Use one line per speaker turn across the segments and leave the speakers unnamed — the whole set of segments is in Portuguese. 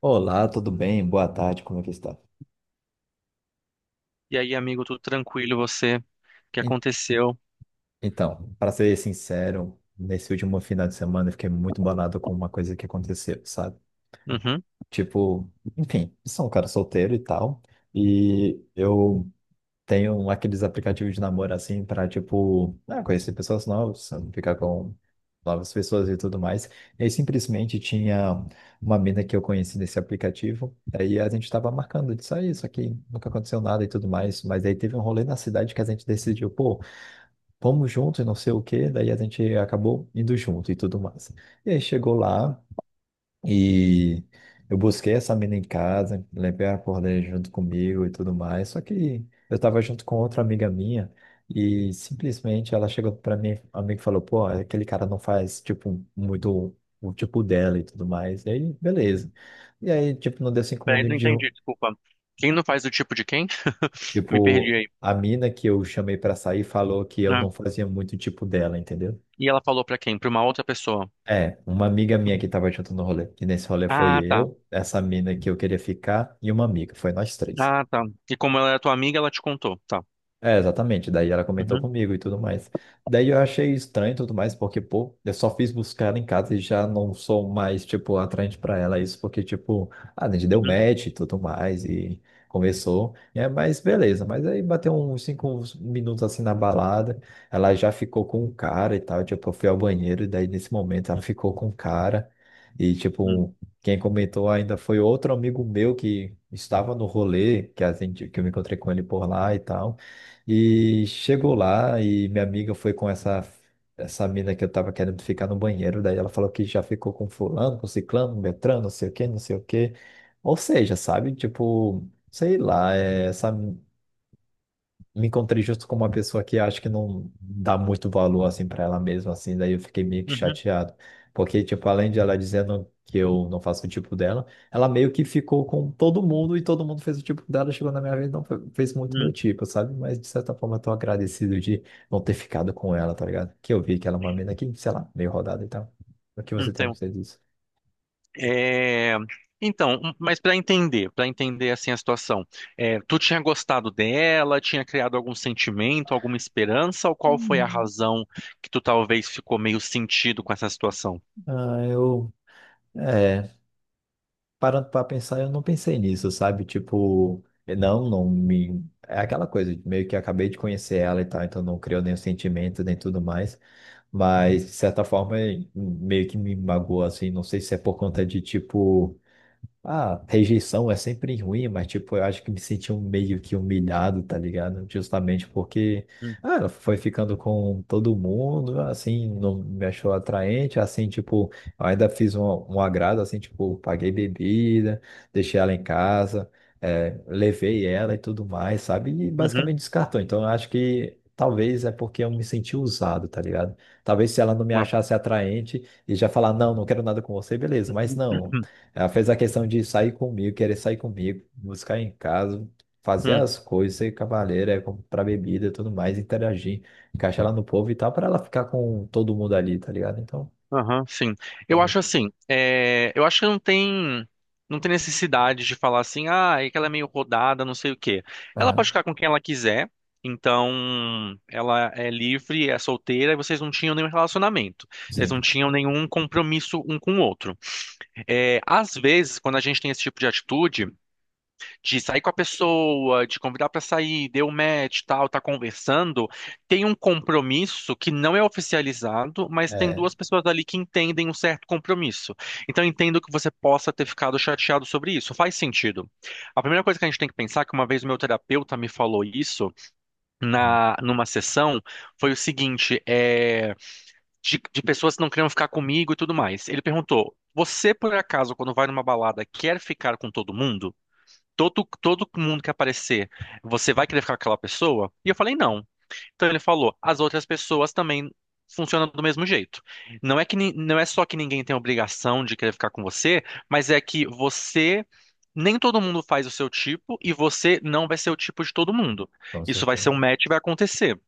Olá, tudo bem? Boa tarde, como é que está?
E aí, amigo, tudo tranquilo, você? O que
En-
aconteceu?
Então, para ser sincero, nesse último final de semana eu fiquei muito bolado com uma coisa que aconteceu, sabe?
Uhum.
Tipo, enfim, eu sou um cara solteiro e tal, e aqueles aplicativos de namoro assim para tipo, ah, conhecer pessoas novas, ficar com novas pessoas e tudo mais. E aí simplesmente tinha uma mina que eu conheci nesse aplicativo. Aí a gente tava marcando de sair, só que nunca aconteceu nada e tudo mais. Mas aí teve um rolê na cidade que a gente decidiu, pô, vamos junto e não sei o quê. Daí a gente acabou indo junto e tudo mais. E aí chegou lá. E eu busquei essa menina em casa, levei a cordeira junto comigo e tudo mais. Só que eu tava junto com outra amiga minha e simplesmente ela chegou pra mim, amigo, e falou: pô, aquele cara não faz, tipo, muito o tipo dela e tudo mais. E aí, beleza. E aí, tipo, não deu cinco
Peraí, não
minutos de.
entendi, desculpa. Quem não faz do tipo de quem? Me perdi
Tipo,
aí.
a mina que eu chamei pra sair falou que eu
Ah,
não fazia muito o tipo dela, entendeu?
e ela falou pra quem? Pra uma outra pessoa.
É, uma amiga minha que tava junto no rolê. E nesse rolê foi
Ah, tá.
eu, essa mina que eu queria ficar e uma amiga. Foi nós três.
Ah, tá. E como ela é tua amiga, ela te contou. Tá.
É, exatamente. Daí ela comentou
Uhum.
comigo e tudo mais. Daí eu achei estranho e tudo mais, porque, pô, eu só fiz buscar ela em casa e já não sou mais, tipo, atraente pra ela. Isso porque, tipo, a gente deu
Uhum.
match e tudo mais e conversou. É, mas beleza. Mas aí bateu uns cinco minutos assim na balada. Ela já ficou com o cara e tal. Tipo, eu fui ao banheiro e daí nesse momento ela ficou com o cara. E,
Uhum.
tipo, quem comentou ainda foi outro amigo meu que estava no rolê, que que eu me encontrei com ele por lá e tal. E chegou lá e minha amiga foi com essa mina que eu tava querendo ficar no banheiro, daí ela falou que já ficou com fulano, com ciclano, Beltrano, não sei o quê, não sei o quê. Ou seja, sabe? Tipo, sei lá, é, essa me encontrei justo com uma pessoa que acho que não dá muito valor assim para ela mesma, assim, daí eu fiquei meio que chateado. Porque, tipo, além de ela dizendo que eu não faço o tipo dela, ela meio que ficou com todo mundo e todo mundo fez o tipo dela, chegou na minha vez e não fez muito meu
Uhum.
tipo, sabe? Mas de certa forma eu tô agradecido de não ter ficado com ela, tá ligado? Que eu vi que ela é uma mina que, sei lá, meio rodada e tal. O que você tem a
Uhum.
dizer disso?
É, mas para entender assim a situação, tu tinha gostado dela, tinha criado algum sentimento, alguma esperança, ou qual foi a
Hum.
razão que tu talvez ficou meio sentido com essa situação?
Ah, eu. É. Parando para pensar, eu não pensei nisso, sabe? Tipo, não, não me. É aquela coisa, de meio que acabei de conhecer ela e tal, então não criou nenhum sentimento nem tudo mais, mas de certa forma meio que me magoou, assim, não sei se é por conta de, tipo. Ah, rejeição é sempre ruim, mas tipo, eu acho que me senti meio que humilhado, tá ligado? Justamente porque,
Hum,
ah, ela foi ficando com todo mundo, assim, não me achou atraente, assim, tipo, eu ainda fiz um, um agrado, assim, tipo, paguei bebida, deixei ela em casa, levei ela e tudo mais, sabe? E
Uhum.
basicamente descartou. Então, eu acho que talvez é porque eu me senti usado, tá ligado? Talvez se ela não me achasse atraente e já falar, não, não quero nada com você, beleza, mas não. Ela fez a questão de sair comigo, querer sair comigo, buscar em casa, fazer
Uhum.
as coisas, ser cavaleira, é, comprar bebida e tudo mais, interagir, encaixar ela no povo e tal, para ela ficar com todo mundo ali, tá ligado? Então,
Aham, sim.
tá
Eu
bem.
acho assim, eu acho que não tem necessidade de falar assim, ah, é que ela é meio rodada, não sei o quê. Ela pode
Aham,
ficar com quem ela quiser, então ela é livre, é solteira, e vocês não tinham nenhum relacionamento. Vocês não
sim,
tinham nenhum compromisso um com o outro. É, às vezes, quando a gente tem esse tipo de atitude, de sair com a pessoa, de convidar para sair, deu match, tal, tá conversando, tem um compromisso que não é oficializado, mas tem
é,
duas pessoas ali que entendem um certo compromisso. Então eu entendo que você possa ter ficado chateado sobre isso. Faz sentido. A primeira coisa que a gente tem que pensar, que uma vez o meu terapeuta me falou isso na numa sessão, foi o seguinte, de pessoas que não queriam ficar comigo e tudo mais. Ele perguntou: Você, por acaso, quando vai numa balada, quer ficar com todo mundo? Todo mundo que aparecer, você vai querer ficar com aquela pessoa? E eu falei, não. Então ele falou, as outras pessoas também funcionam do mesmo jeito. Não é não é só que ninguém tem obrigação de querer ficar com você, mas é que nem todo mundo faz o seu tipo e você não vai ser o tipo de todo mundo.
com
Isso vai ser
certeza.
um match e vai acontecer.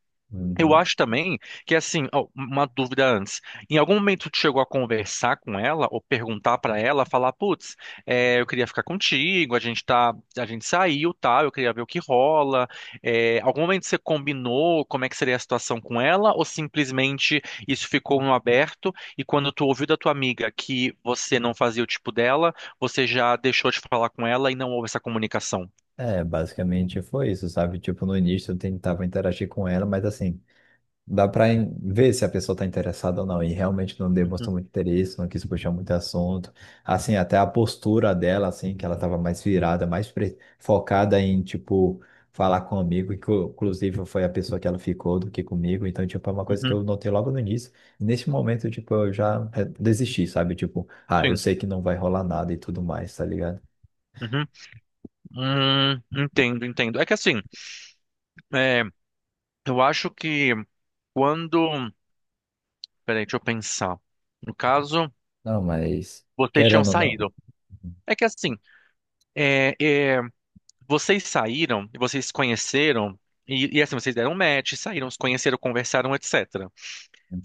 Eu
Uhum.
acho também que, assim, ó, uma dúvida antes. Em algum momento tu chegou a conversar com ela ou perguntar pra ela, falar, putz, eu queria ficar contigo, a gente tá, a gente saiu, tal, eu queria ver o que rola. É, algum momento você combinou como é que seria a situação com ela ou simplesmente isso ficou no aberto e quando tu ouviu da tua amiga que você não fazia o tipo dela, você já deixou de falar com ela e não houve essa comunicação?
É, basicamente foi isso, sabe? Tipo, no início eu tentava interagir com ela, mas assim. Dá para ver se a pessoa está interessada ou não. E realmente não demonstrou
Uhum,
muito interesse, não quis puxar muito assunto. Assim, até a postura dela, assim, que ela estava mais virada, mais focada em, tipo, falar comigo, e que inclusive foi a pessoa que ela ficou do que comigo. Então, tipo, é uma coisa que
uhum,
eu notei logo no início. Nesse momento, tipo, eu já desisti, sabe? Tipo, ah, eu
sim.
sei que não vai rolar nada e tudo mais, tá ligado?
Uhum. Entendo, entendo. É que assim. É, eu acho que quando. Peraí, deixa eu pensar. No caso,
Não, mas
vocês tinham
querendo ou não.
saído. É que assim, é, é, vocês saíram e vocês se conheceram, e assim, vocês deram um match, saíram, se conheceram, conversaram, etc.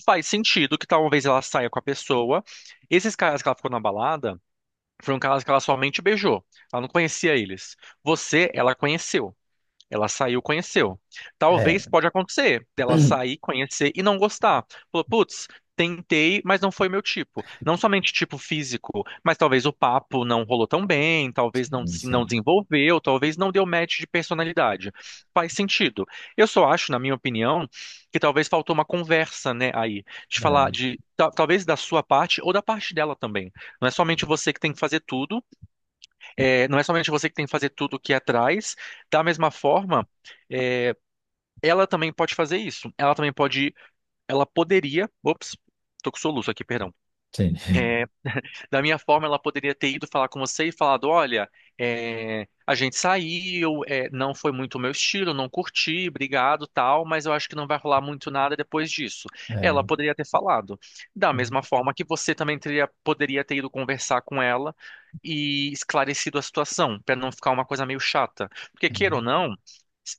Faz sentido que talvez ela saia com a pessoa. Esses caras que ela ficou na balada foram caras que ela somente beijou. Ela não conhecia eles. Você, ela conheceu. Ela saiu, conheceu.
É,
Talvez pode acontecer dela sair, conhecer e não gostar. Falou, putz, tentei, mas não foi meu tipo. Não somente tipo físico, mas talvez o papo não rolou tão bem, talvez não
sim,
se não
sim.
desenvolveu, talvez não deu match de personalidade. Faz sentido. Eu só acho, na minha opinião, que talvez faltou uma conversa, né, aí, de falar
É,
talvez da sua parte ou da parte dela também. Não é somente você que tem que fazer tudo, não é somente você que tem que fazer tudo o que é atrás. Da mesma forma, é, ela também pode fazer isso. Ela também pode. Ela poderia. Ops, tô com soluço aqui, perdão.
sim.
Da minha forma, ela poderia ter ido falar com você e falado: olha, a gente saiu, não foi muito o meu estilo, não curti, obrigado, tal, mas eu acho que não vai rolar muito nada depois disso. Ela poderia ter falado. Da mesma forma que você também poderia ter ido conversar com ela e esclarecido a situação, para não ficar uma coisa meio chata. Porque,
É.
queira ou não.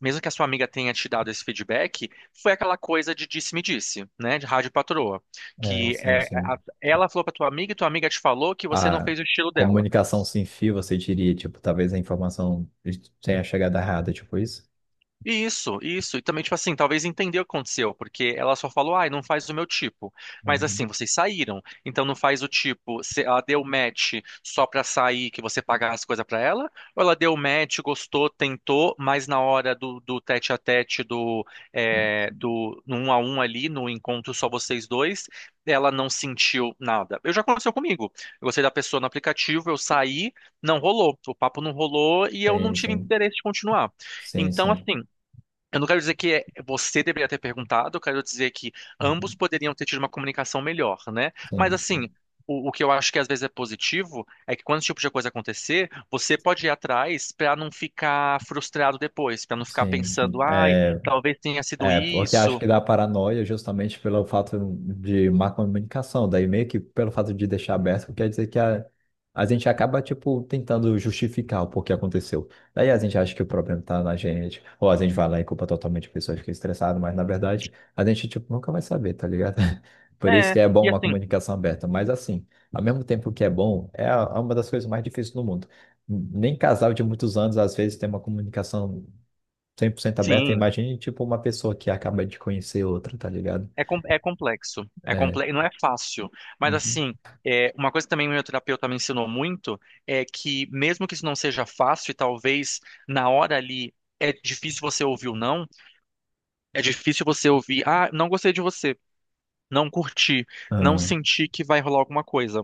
Mesmo que a sua amiga tenha te dado esse feedback, foi aquela coisa de disse-me-disse, né? De rádio patroa
É,
que
sim,
é,
sim.
ela falou pra tua amiga e tua amiga te falou que você não
A
fez o estilo dela.
comunicação sem fio, você diria, tipo, talvez a informação tenha chegado errada, tipo isso?
Isso, isso. E também, tipo assim, talvez entender o que aconteceu, porque ela só falou, ai, não faz o meu tipo. Mas assim,
Uhum.
vocês saíram, então não faz o tipo. Se ela deu match só pra sair, que você pagar as coisas pra ela? Ou ela deu match, gostou, tentou, mas na hora do tete a tete, do no um a um ali, no encontro só vocês dois, ela não sentiu nada. Eu já aconteceu comigo. Eu gostei da pessoa no aplicativo, eu saí, não rolou. O papo não rolou e eu não
Sim,
tive
sim.
interesse de continuar.
Sim,
Então,
sim.
assim. Eu não quero dizer você deveria ter perguntado, eu quero dizer que ambos
Uhum.
poderiam ter tido uma comunicação melhor, né? Mas
Sim,
assim,
sim.
o que eu acho que às vezes é positivo é que quando esse tipo de coisa acontecer, você pode ir atrás para não ficar frustrado depois, para não ficar
Sim, sim.
pensando, ai,
É,
talvez tenha sido
é, porque acho
isso.
que dá paranoia justamente pelo fato de má comunicação, daí meio que pelo fato de deixar aberto, quer dizer a gente acaba, tipo, tentando justificar o porquê aconteceu. Daí a gente acha que o problema tá na gente, ou a gente vai lá e culpa totalmente a pessoa, fica estressado, mas na verdade a gente, tipo, nunca vai saber, tá ligado? Por isso
É,
que é bom
e
uma
assim,
comunicação aberta, mas assim, ao mesmo tempo que é bom, é é uma das coisas mais difíceis do mundo. Nem casal de muitos anos, às vezes, tem uma comunicação 100% aberta,
sim.
imagine, tipo, uma pessoa que acaba de conhecer outra, tá ligado?
É complexo, é
É.
não é fácil, mas
Uhum.
assim, é, uma coisa que também meu terapeuta me ensinou muito é que mesmo que isso não seja fácil, e talvez na hora ali é difícil você ouvir o não, é difícil você ouvir, ah, não gostei de você, não curti, não
Ah,
senti que vai rolar alguma coisa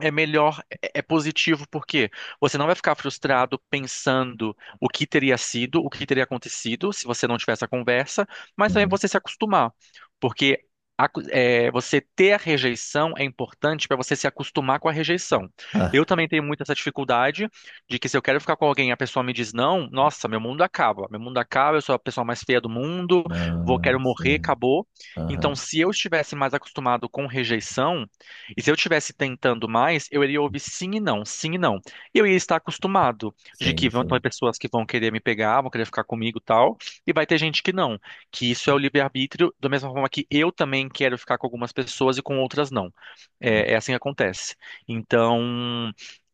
é melhor, é positivo, porque você não vai ficar frustrado pensando o que teria sido, o que teria acontecido se você não tivesse a conversa, mas também
uhum.
você se acostumar, porque você ter a rejeição é importante para você se acostumar com a rejeição. Eu
Ah,
também tenho muito essa dificuldade de que se eu quero ficar com alguém e a pessoa me diz não, nossa, meu mundo acaba, eu sou a pessoa mais feia do mundo,
não,
quero morrer,
sim.
acabou. Então,
Aham.
se eu estivesse mais acostumado com rejeição, e se eu estivesse tentando mais, eu iria ouvir sim e não, sim e não. E eu ia estar acostumado de
Sim,
que vão ter
sim.
pessoas que vão querer me pegar, vão querer ficar comigo e tal, e vai ter gente que não, que isso é o livre-arbítrio, da mesma forma que eu também quero ficar com algumas pessoas e com outras não. É, é assim que acontece. Então,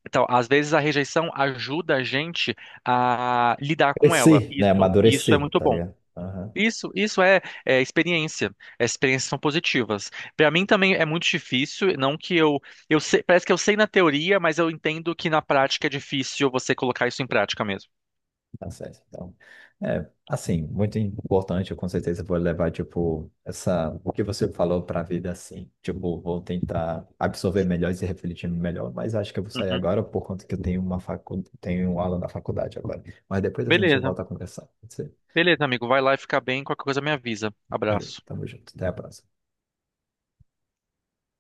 então, às vezes a rejeição ajuda a gente a lidar com ela.
Crescer, né?
Isso é
Amadurecer,
muito
tá
bom.
ligado? Aham.
Isso é, é experiência. As experiências são positivas. Para mim também é muito difícil, não que eu, parece que eu sei na teoria, mas eu entendo que na prática é difícil você colocar isso em prática mesmo.
Tá certo. Então, é, assim, muito importante, eu com certeza vou levar, tipo, essa, o que você falou pra vida, assim. Tipo, vou tentar absorver melhor e se refletir melhor, mas acho que eu vou sair
Uhum.
agora por conta que eu tenho uma facu... tenho aula na faculdade agora. Mas depois a gente
Beleza,
volta a conversar.
beleza, amigo. Vai lá e fica bem. Qualquer coisa me avisa.
Valeu,
Abraço.
tamo junto. Até a próxima.